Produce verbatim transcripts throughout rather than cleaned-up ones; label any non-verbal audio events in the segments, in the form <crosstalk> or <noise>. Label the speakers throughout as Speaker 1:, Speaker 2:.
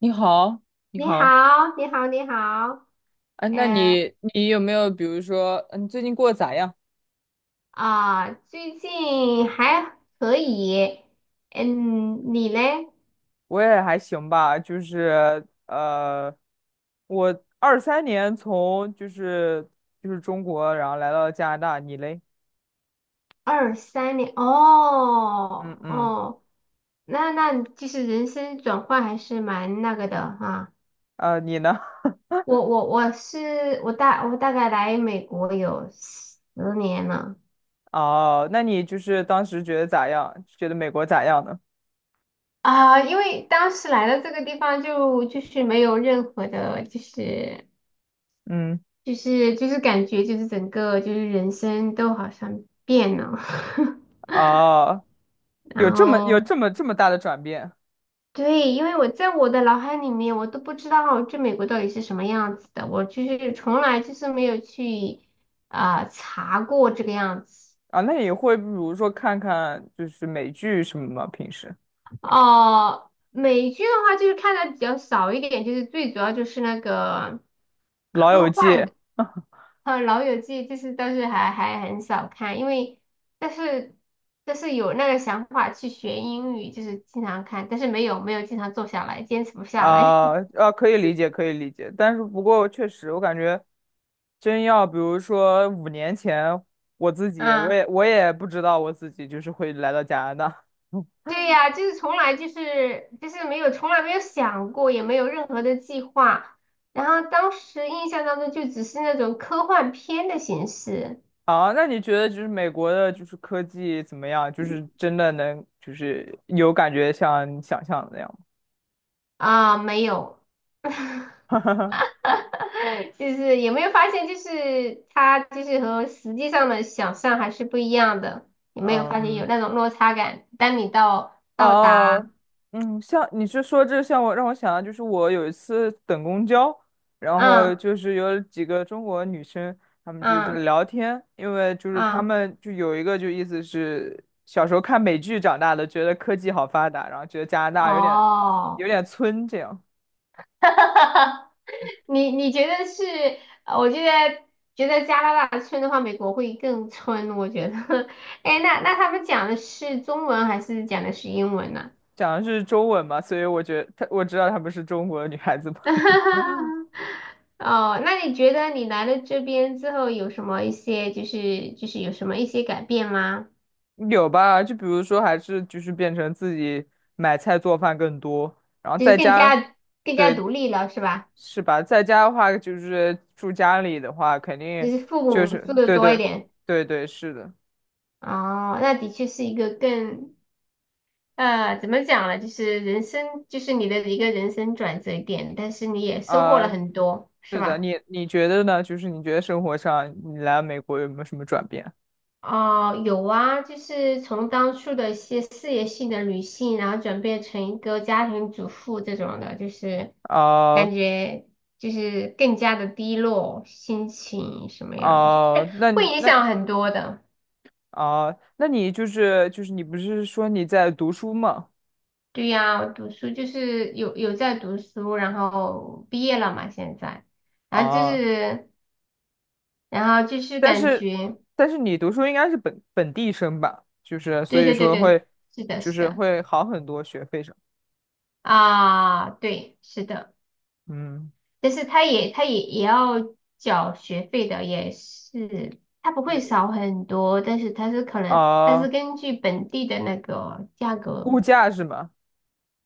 Speaker 1: 你好，你
Speaker 2: 你
Speaker 1: 好。
Speaker 2: 好，你好，你好，
Speaker 1: 哎，那
Speaker 2: 嗯
Speaker 1: 你你有没有比如说，嗯，最近过得咋样？
Speaker 2: 啊，最近还可以，嗯，你嘞？
Speaker 1: 我也还行吧，就是呃，我二三年从就是就是中国，然后来到加拿大，你嘞？
Speaker 2: 二三年，
Speaker 1: 嗯
Speaker 2: 哦
Speaker 1: 嗯。
Speaker 2: 哦，那那就是人生转换还是蛮那个的哈。
Speaker 1: 呃，你呢？<laughs>
Speaker 2: 我我我是我大我大概来美国有十年了。
Speaker 1: 哦，那你就是当时觉得咋样？觉得美国咋样呢？
Speaker 2: 啊，因为当时来到这个地方就就是没有任何的，就是。
Speaker 1: 嗯，
Speaker 2: 就是就是感觉就是整个就是人生都好像变了，
Speaker 1: 哦，
Speaker 2: <laughs>
Speaker 1: 有
Speaker 2: 然
Speaker 1: 这么有
Speaker 2: 后
Speaker 1: 这么这么大的转变？
Speaker 2: 对，因为我在我的脑海里面，我都不知道这美国到底是什么样子的，我就是从来就是没有去啊、呃查过这个样子。
Speaker 1: 啊？那你会比如说看看就是美剧什么吗？平时
Speaker 2: 哦、美剧的话就是看的比较少一点，就是最主要就是那个。
Speaker 1: 《老友
Speaker 2: 科
Speaker 1: 记》？
Speaker 2: 幻的。呃，《老友记》就是但是还还很少看，因为但是但是有那个想法去学英语，就是经常看，但是没有没有经常坐下来，坚持不下来。
Speaker 1: 啊啊，可以理解，可以理解，但是不过确实，我感觉真要比如说五年前，我自
Speaker 2: <laughs>
Speaker 1: 己我
Speaker 2: 啊，
Speaker 1: 也我也不知道我自己就是会来到加拿大。<laughs>
Speaker 2: 对呀，就是从来就是就是没有从来没有想过，也没有任何的计划。然后当时印象当中就只是那种科幻片的形式。
Speaker 1: 啊，那你觉得就是美国的就是科技怎么样？就是真的能就是有感觉像你想象的那样
Speaker 2: 啊，没有。
Speaker 1: 吗？
Speaker 2: <laughs> 就是有没有发现，就是它就是和实际上的想象还是不一样的。
Speaker 1: <laughs>
Speaker 2: 有没有发现
Speaker 1: 嗯。
Speaker 2: 有那种落差感？当你到到达，
Speaker 1: 哦，嗯，像你是说这像我让我想到，就是我有一次等公交，然后
Speaker 2: 嗯
Speaker 1: 就是有几个中国女生，她们就是在
Speaker 2: 嗯
Speaker 1: 聊天，因为就是她
Speaker 2: 嗯，
Speaker 1: 们就有一个就意思是小时候看美剧长大的，觉得科技好发达，然后觉得加拿大有点有
Speaker 2: 哦，
Speaker 1: 点村这样。
Speaker 2: <laughs> 你你觉得是？呃我觉得觉得加拿大村的话，美国会更村。我觉得，<laughs> 哎，那那他们讲的是中文还是讲的是英文呢？
Speaker 1: 讲的是中文嘛，所以我觉得她我知道她们是中国女孩子嘛。
Speaker 2: <laughs> 哦，那你觉得你来了这边之后有什么一些就是就是有什么一些改变吗？
Speaker 1: <laughs> 有吧？就比如说还是就是变成自己买菜做饭更多，然后
Speaker 2: 就是
Speaker 1: 在
Speaker 2: 更
Speaker 1: 家。
Speaker 2: 加更加
Speaker 1: 对，
Speaker 2: 独立了是吧？
Speaker 1: 是吧？在家的话，就是住家里的话，肯定
Speaker 2: 就是父
Speaker 1: 就
Speaker 2: 母
Speaker 1: 是
Speaker 2: 做的
Speaker 1: 对
Speaker 2: 多一
Speaker 1: 对
Speaker 2: 点。
Speaker 1: 对对，是的。
Speaker 2: 哦，那的确是一个更呃怎么讲呢？就是人生就是你的一个人生转折点，但是你也收获
Speaker 1: 啊、
Speaker 2: 了很多是
Speaker 1: 是的。
Speaker 2: 吧？
Speaker 1: 你你觉得呢？就是你觉得生活上你来美国有没有什么转变？
Speaker 2: 哦，有啊，就是从当初的一些事业性的女性，然后转变成一个家庭主妇这种的，就是
Speaker 1: 啊。
Speaker 2: 感觉就是更加的低落，心情什么样的，就
Speaker 1: 啊、
Speaker 2: 是
Speaker 1: 那
Speaker 2: 会
Speaker 1: 你
Speaker 2: 影
Speaker 1: 那
Speaker 2: 响很多的。
Speaker 1: 啊、那你就是就是你不是说你在读书吗？
Speaker 2: 对呀，我读书就是有有在读书，然后毕业了嘛，现在，然后就
Speaker 1: 啊、
Speaker 2: 是然后就是
Speaker 1: 但
Speaker 2: 感
Speaker 1: 是
Speaker 2: 觉，
Speaker 1: 但是你读书应该是本本地生吧？就是所
Speaker 2: 对
Speaker 1: 以
Speaker 2: 对对
Speaker 1: 说
Speaker 2: 对，
Speaker 1: 会
Speaker 2: 是的，
Speaker 1: 就
Speaker 2: 是
Speaker 1: 是
Speaker 2: 的，
Speaker 1: 会好很多学费上。
Speaker 2: 啊，对，是的。
Speaker 1: 嗯。
Speaker 2: 但是他也他也也要缴学费的，也是他不会少很多，但是他是可能他是
Speaker 1: 啊、
Speaker 2: 根据本地的那个价格，
Speaker 1: 物价是吗？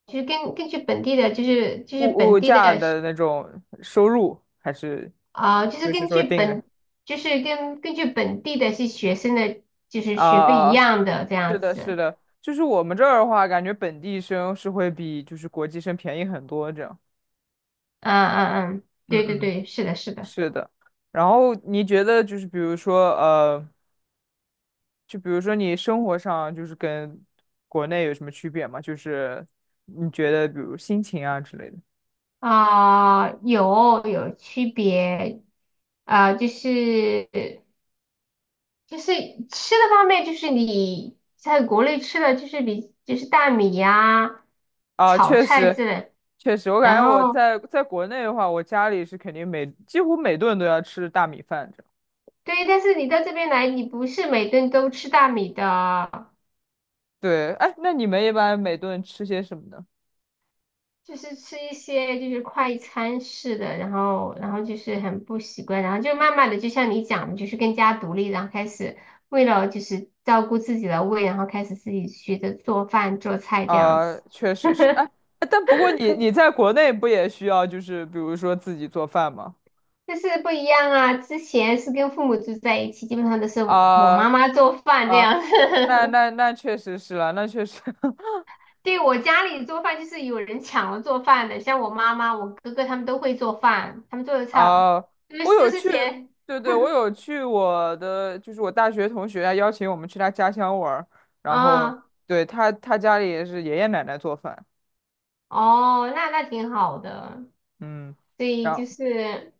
Speaker 2: 就是根根据本地的，就是就是
Speaker 1: 物
Speaker 2: 本
Speaker 1: 物
Speaker 2: 地的
Speaker 1: 价的那种收入，还是
Speaker 2: 啊、呃就是
Speaker 1: 就是
Speaker 2: 根
Speaker 1: 说
Speaker 2: 据
Speaker 1: 定
Speaker 2: 本
Speaker 1: 的。
Speaker 2: 就是跟根据本地的是学生的，就是
Speaker 1: 啊
Speaker 2: 学费一
Speaker 1: 啊，
Speaker 2: 样的这
Speaker 1: 是
Speaker 2: 样
Speaker 1: 的，是
Speaker 2: 子，
Speaker 1: 的，就是我们这儿的话，感觉本地生是会比就是国际生便宜很多，这样。
Speaker 2: 嗯嗯嗯，对
Speaker 1: 嗯
Speaker 2: 对
Speaker 1: 嗯，
Speaker 2: 对，是的是的。
Speaker 1: 是的。然后你觉得就是比如说呃，就比如说你生活上就是跟国内有什么区别吗？就是你觉得比如心情啊之类的。
Speaker 2: 啊、有有区别，啊、就是就是吃的方面，就是你在国内吃的，就是比就是大米呀、
Speaker 1: 啊，
Speaker 2: 炒
Speaker 1: 确
Speaker 2: 菜
Speaker 1: 实。
Speaker 2: 之类。
Speaker 1: 确实，我感
Speaker 2: 然
Speaker 1: 觉我
Speaker 2: 后
Speaker 1: 在在国内的话，我家里是肯定每几乎每顿都要吃大米饭。这。
Speaker 2: 对，但是你到这边来，你不是每顿都吃大米的，
Speaker 1: 对，哎，那你们一般每顿吃些什么呢？
Speaker 2: 就是吃一些就是快餐式的，然后然后就是很不习惯，然后就慢慢的就像你讲的，就是更加独立，然后开始为了就是照顾自己的胃，然后开始自己学着做饭做菜这样
Speaker 1: 啊、
Speaker 2: 子。
Speaker 1: 确实是。哎，哎但不过你你在国内不也需要就是比如说自己做饭吗？
Speaker 2: 但是不一样啊！之前是跟父母住在一起，基本上都是我我
Speaker 1: 啊、
Speaker 2: 妈妈做饭这
Speaker 1: 啊，
Speaker 2: 样。子。
Speaker 1: 那
Speaker 2: <laughs>
Speaker 1: 那那确实是了，那确实。 <laughs>
Speaker 2: 对，我家里做饭就是有人抢了做饭的，像我妈妈、我哥哥他们都会做饭，他们做的菜
Speaker 1: 啊，
Speaker 2: 就
Speaker 1: 我
Speaker 2: 是都
Speaker 1: 有
Speaker 2: 是
Speaker 1: 去，
Speaker 2: 咸。
Speaker 1: 对对，我
Speaker 2: <laughs>
Speaker 1: 有去我的，就是我大学同学他邀请我们去他家乡玩儿，然后
Speaker 2: 嗯，
Speaker 1: 对他他家里也是爷爷奶奶做饭。
Speaker 2: 哦，那那挺好的。
Speaker 1: 嗯，
Speaker 2: 所以
Speaker 1: 然后。
Speaker 2: 就是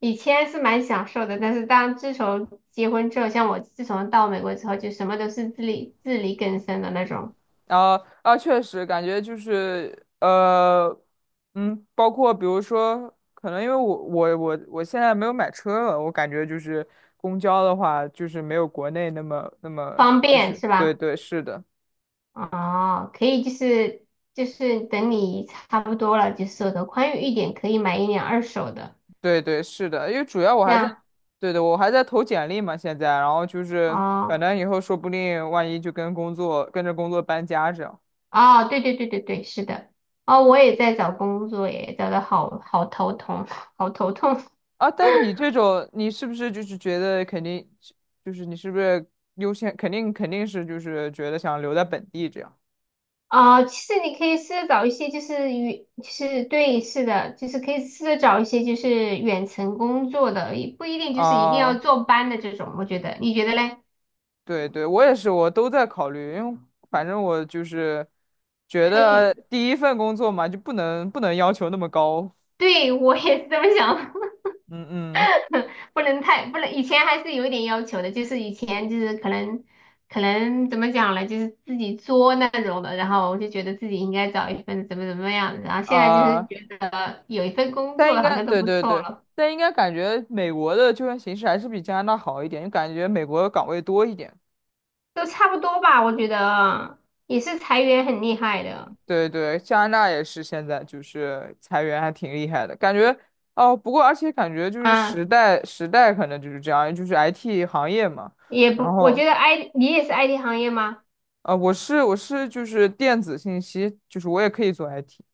Speaker 2: 以前是蛮享受的，但是当自从结婚之后，像我自从到美国之后，就什么都是自力自力更生的那种，
Speaker 1: 啊啊，确实感觉就是呃，嗯，包括比如说，可能因为我我我我现在没有买车了，我感觉就是公交的话，就是没有国内那么那么。
Speaker 2: 方
Speaker 1: 就
Speaker 2: 便
Speaker 1: 是
Speaker 2: 是
Speaker 1: 对
Speaker 2: 吧？
Speaker 1: 对是的。
Speaker 2: 哦，可以，就是就是等你差不多了，就是手头宽裕一点，可以买一辆二手的，
Speaker 1: 对对是的，因为主要我
Speaker 2: 这
Speaker 1: 还在，
Speaker 2: 样
Speaker 1: 对对，我还在投简历嘛，现在，然后就是反
Speaker 2: 哦
Speaker 1: 正以后说不定万一就跟工作跟着工作搬家这样。
Speaker 2: 哦，对对对对对，是的，哦，我也在找工作耶，找的好好头痛，<laughs> 好头痛
Speaker 1: 啊，但你这种，你是不是就是觉得肯定，就是你是不是优先，肯定肯定是就是觉得想留在本地这样。
Speaker 2: 哦。其实你可以试着找一些就是远，就是对，是的，就是可以试着找一些就是远程工作的，也不一定就是一定要
Speaker 1: 啊？
Speaker 2: 坐班的这种，我觉得，你觉得嘞？
Speaker 1: 对对，我也是，我都在考虑，因为反正我就是觉
Speaker 2: 可
Speaker 1: 得
Speaker 2: 以，
Speaker 1: 第一份工作嘛，就不能不能要求那么高。
Speaker 2: 对，我也是这么想。
Speaker 1: 嗯嗯。
Speaker 2: 不能太不能，以前还是有一点要求的，就是以前就是可能可能怎么讲呢，就是自己作那种的，然后我就觉得自己应该找一份怎么怎么样的，然后现在就是
Speaker 1: 啊，
Speaker 2: 觉得有一份工
Speaker 1: 但
Speaker 2: 作
Speaker 1: 应
Speaker 2: 好
Speaker 1: 该
Speaker 2: 像都
Speaker 1: 对
Speaker 2: 不
Speaker 1: 对
Speaker 2: 错
Speaker 1: 对，
Speaker 2: 了，
Speaker 1: 但应该感觉美国的就业形势还是比加拿大好一点，就感觉美国的岗位多一点。
Speaker 2: 都差不多吧，我觉得也是裁员很厉害的，
Speaker 1: 对对，加拿大也是现在就是裁员还挺厉害的，感觉。哦。不过而且感觉就是
Speaker 2: 啊，
Speaker 1: 时代时代可能就是这样，就是 I T 行业嘛。
Speaker 2: 也
Speaker 1: 然
Speaker 2: 不，我
Speaker 1: 后
Speaker 2: 觉得 I 你也是 I T 行业吗？
Speaker 1: 呃，我是我是就是电子信息，就是我也可以做 I T。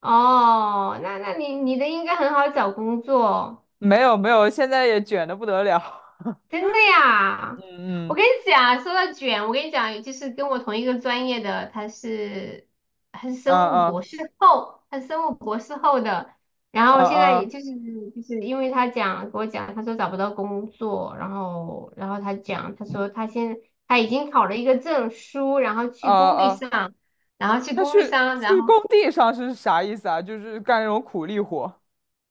Speaker 2: 哦，那那你你的应该很好找工作。
Speaker 1: 没有没有，现在也卷的不得了。
Speaker 2: 真的
Speaker 1: <laughs>
Speaker 2: 呀！我
Speaker 1: 嗯
Speaker 2: 跟你讲，说到卷，我跟你讲，就是跟我同一个专业的，他是他是
Speaker 1: 嗯。
Speaker 2: 生
Speaker 1: 啊
Speaker 2: 物
Speaker 1: 啊。
Speaker 2: 博士后，他是生物博士后的。然后现在也
Speaker 1: 啊
Speaker 2: 就是就是因为他讲给我讲，他说找不到工作，然后然后他讲，他说他现他已经考了一个证书，然后
Speaker 1: 啊
Speaker 2: 去工地
Speaker 1: 啊！
Speaker 2: 上，然后去
Speaker 1: 他
Speaker 2: 工
Speaker 1: 去
Speaker 2: 地上，然
Speaker 1: 去工
Speaker 2: 后
Speaker 1: 地上是啥意思啊？就是干那种苦力活。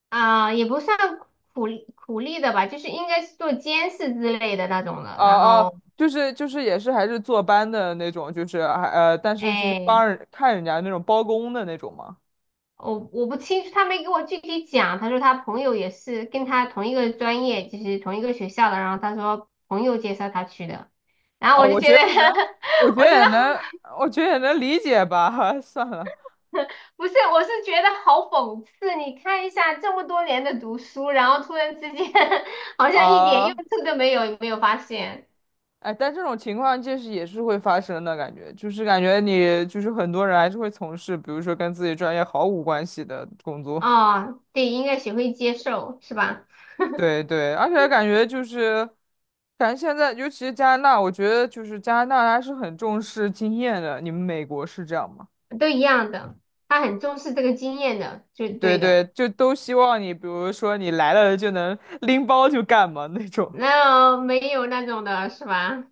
Speaker 2: 啊、也不算苦力苦力的吧，就是应该是做监视之类的那种的，
Speaker 1: 哦
Speaker 2: 然
Speaker 1: 哦，
Speaker 2: 后
Speaker 1: 就是就是也是还是坐班的那种，就是还呃，但是就是
Speaker 2: 哎。
Speaker 1: 帮人看人家那种包工的那种嘛。
Speaker 2: 我我不清楚，他没给我具体讲。他说他朋友也是跟他同一个专业，就是同一个学校的。然后他说朋友介绍他去的，然后
Speaker 1: 啊、
Speaker 2: 我就
Speaker 1: 我
Speaker 2: 觉
Speaker 1: 觉
Speaker 2: 得，
Speaker 1: 得也能，我
Speaker 2: <laughs>
Speaker 1: 觉
Speaker 2: 我
Speaker 1: 得
Speaker 2: 觉
Speaker 1: 也
Speaker 2: 得
Speaker 1: 能，我觉得也能理解吧。<laughs> 算了。
Speaker 2: <laughs> 不是，我是觉得好讽刺。你看一下这么多年的读书，然后突然之间 <laughs> 好像一点
Speaker 1: 啊，
Speaker 2: 用处都没有，有没有发现？
Speaker 1: 哎，但这种情况就是也是会发生的感觉，就是感觉你就是很多人还是会从事，比如说跟自己专业毫无关系的工作。
Speaker 2: 哦，对，应该学会接受，是吧？
Speaker 1: 对对，而且感觉就是，感觉现在尤其是加拿大，我觉得就是加拿大还是很重视经验的。你们美国是这样吗？
Speaker 2: 都一样的，他很重视这个经验的，就
Speaker 1: 对
Speaker 2: 对的。
Speaker 1: 对，就都希望你，比如说你来了就能拎包就干嘛那种。
Speaker 2: 那没有那种的是吧？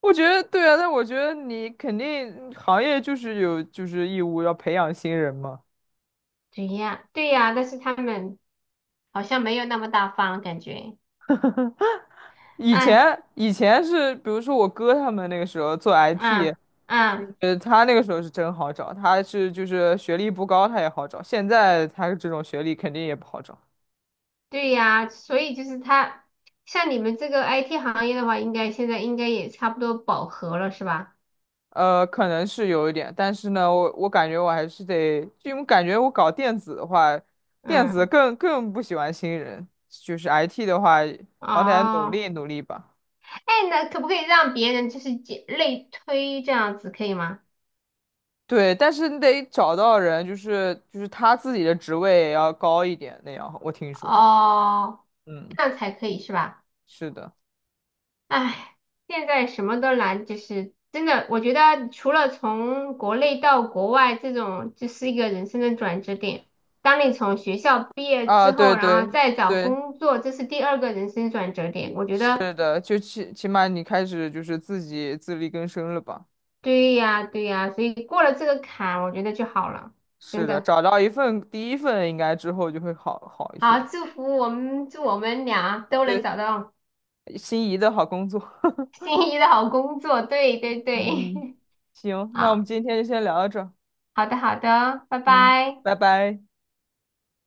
Speaker 1: 我觉得对啊，但我觉得你肯定行业就是有就是义务要培养新人嘛。
Speaker 2: 对呀，对呀，但是他们好像没有那么大方，感觉，
Speaker 1: 以
Speaker 2: 哎，
Speaker 1: 前以前是，比如说我哥他们那个时候做
Speaker 2: 嗯
Speaker 1: I T，
Speaker 2: 嗯，
Speaker 1: 呃，他那个时候是真好找，他是就是学历不高他也好找，现在他这种学历肯定也不好找。
Speaker 2: 对呀，所以就是他，像你们这个 I T 行业的话，应该现在应该也差不多饱和了，是吧？
Speaker 1: 呃，可能是有一点，但是呢，我我感觉我还是得，就因为感觉我搞电子的话，电子
Speaker 2: 嗯，
Speaker 1: 更更不喜欢新人，就是 I T 的话，好歹努
Speaker 2: 哦，
Speaker 1: 力努力吧。
Speaker 2: 哎，那可不可以让别人就是解类推这样子，可以吗？
Speaker 1: 对，但是你得找到人，就是就是他自己的职位也要高一点那样，我听说。
Speaker 2: 哦，
Speaker 1: 嗯，
Speaker 2: 这样才可以是吧？
Speaker 1: 是的。
Speaker 2: 唉，现在什么都难，就是真的，我觉得除了从国内到国外这种，就是一个人生的转折点。当你从学校毕业
Speaker 1: 啊，
Speaker 2: 之
Speaker 1: 对
Speaker 2: 后，然后
Speaker 1: 对
Speaker 2: 再找
Speaker 1: 对，
Speaker 2: 工作，这是第二个人生转折点。我觉得
Speaker 1: 是的，就起起码你开始就是自己自力更生了吧？
Speaker 2: 对呀，对呀，所以过了这个坎，我觉得就好了，
Speaker 1: 是
Speaker 2: 真
Speaker 1: 的，
Speaker 2: 的。
Speaker 1: 找到一份第一份，应该之后就会好好一
Speaker 2: 好，
Speaker 1: 些。
Speaker 2: 祝福我们，祝我们俩都能
Speaker 1: 对。
Speaker 2: 找到
Speaker 1: 心仪的好工作。<laughs>
Speaker 2: 心仪的好工作。对对对，
Speaker 1: 嗯。行，
Speaker 2: <laughs>
Speaker 1: 那我们
Speaker 2: 好，
Speaker 1: 今天就先聊到这儿。
Speaker 2: 好的好的，拜
Speaker 1: 嗯。
Speaker 2: 拜。
Speaker 1: 拜拜。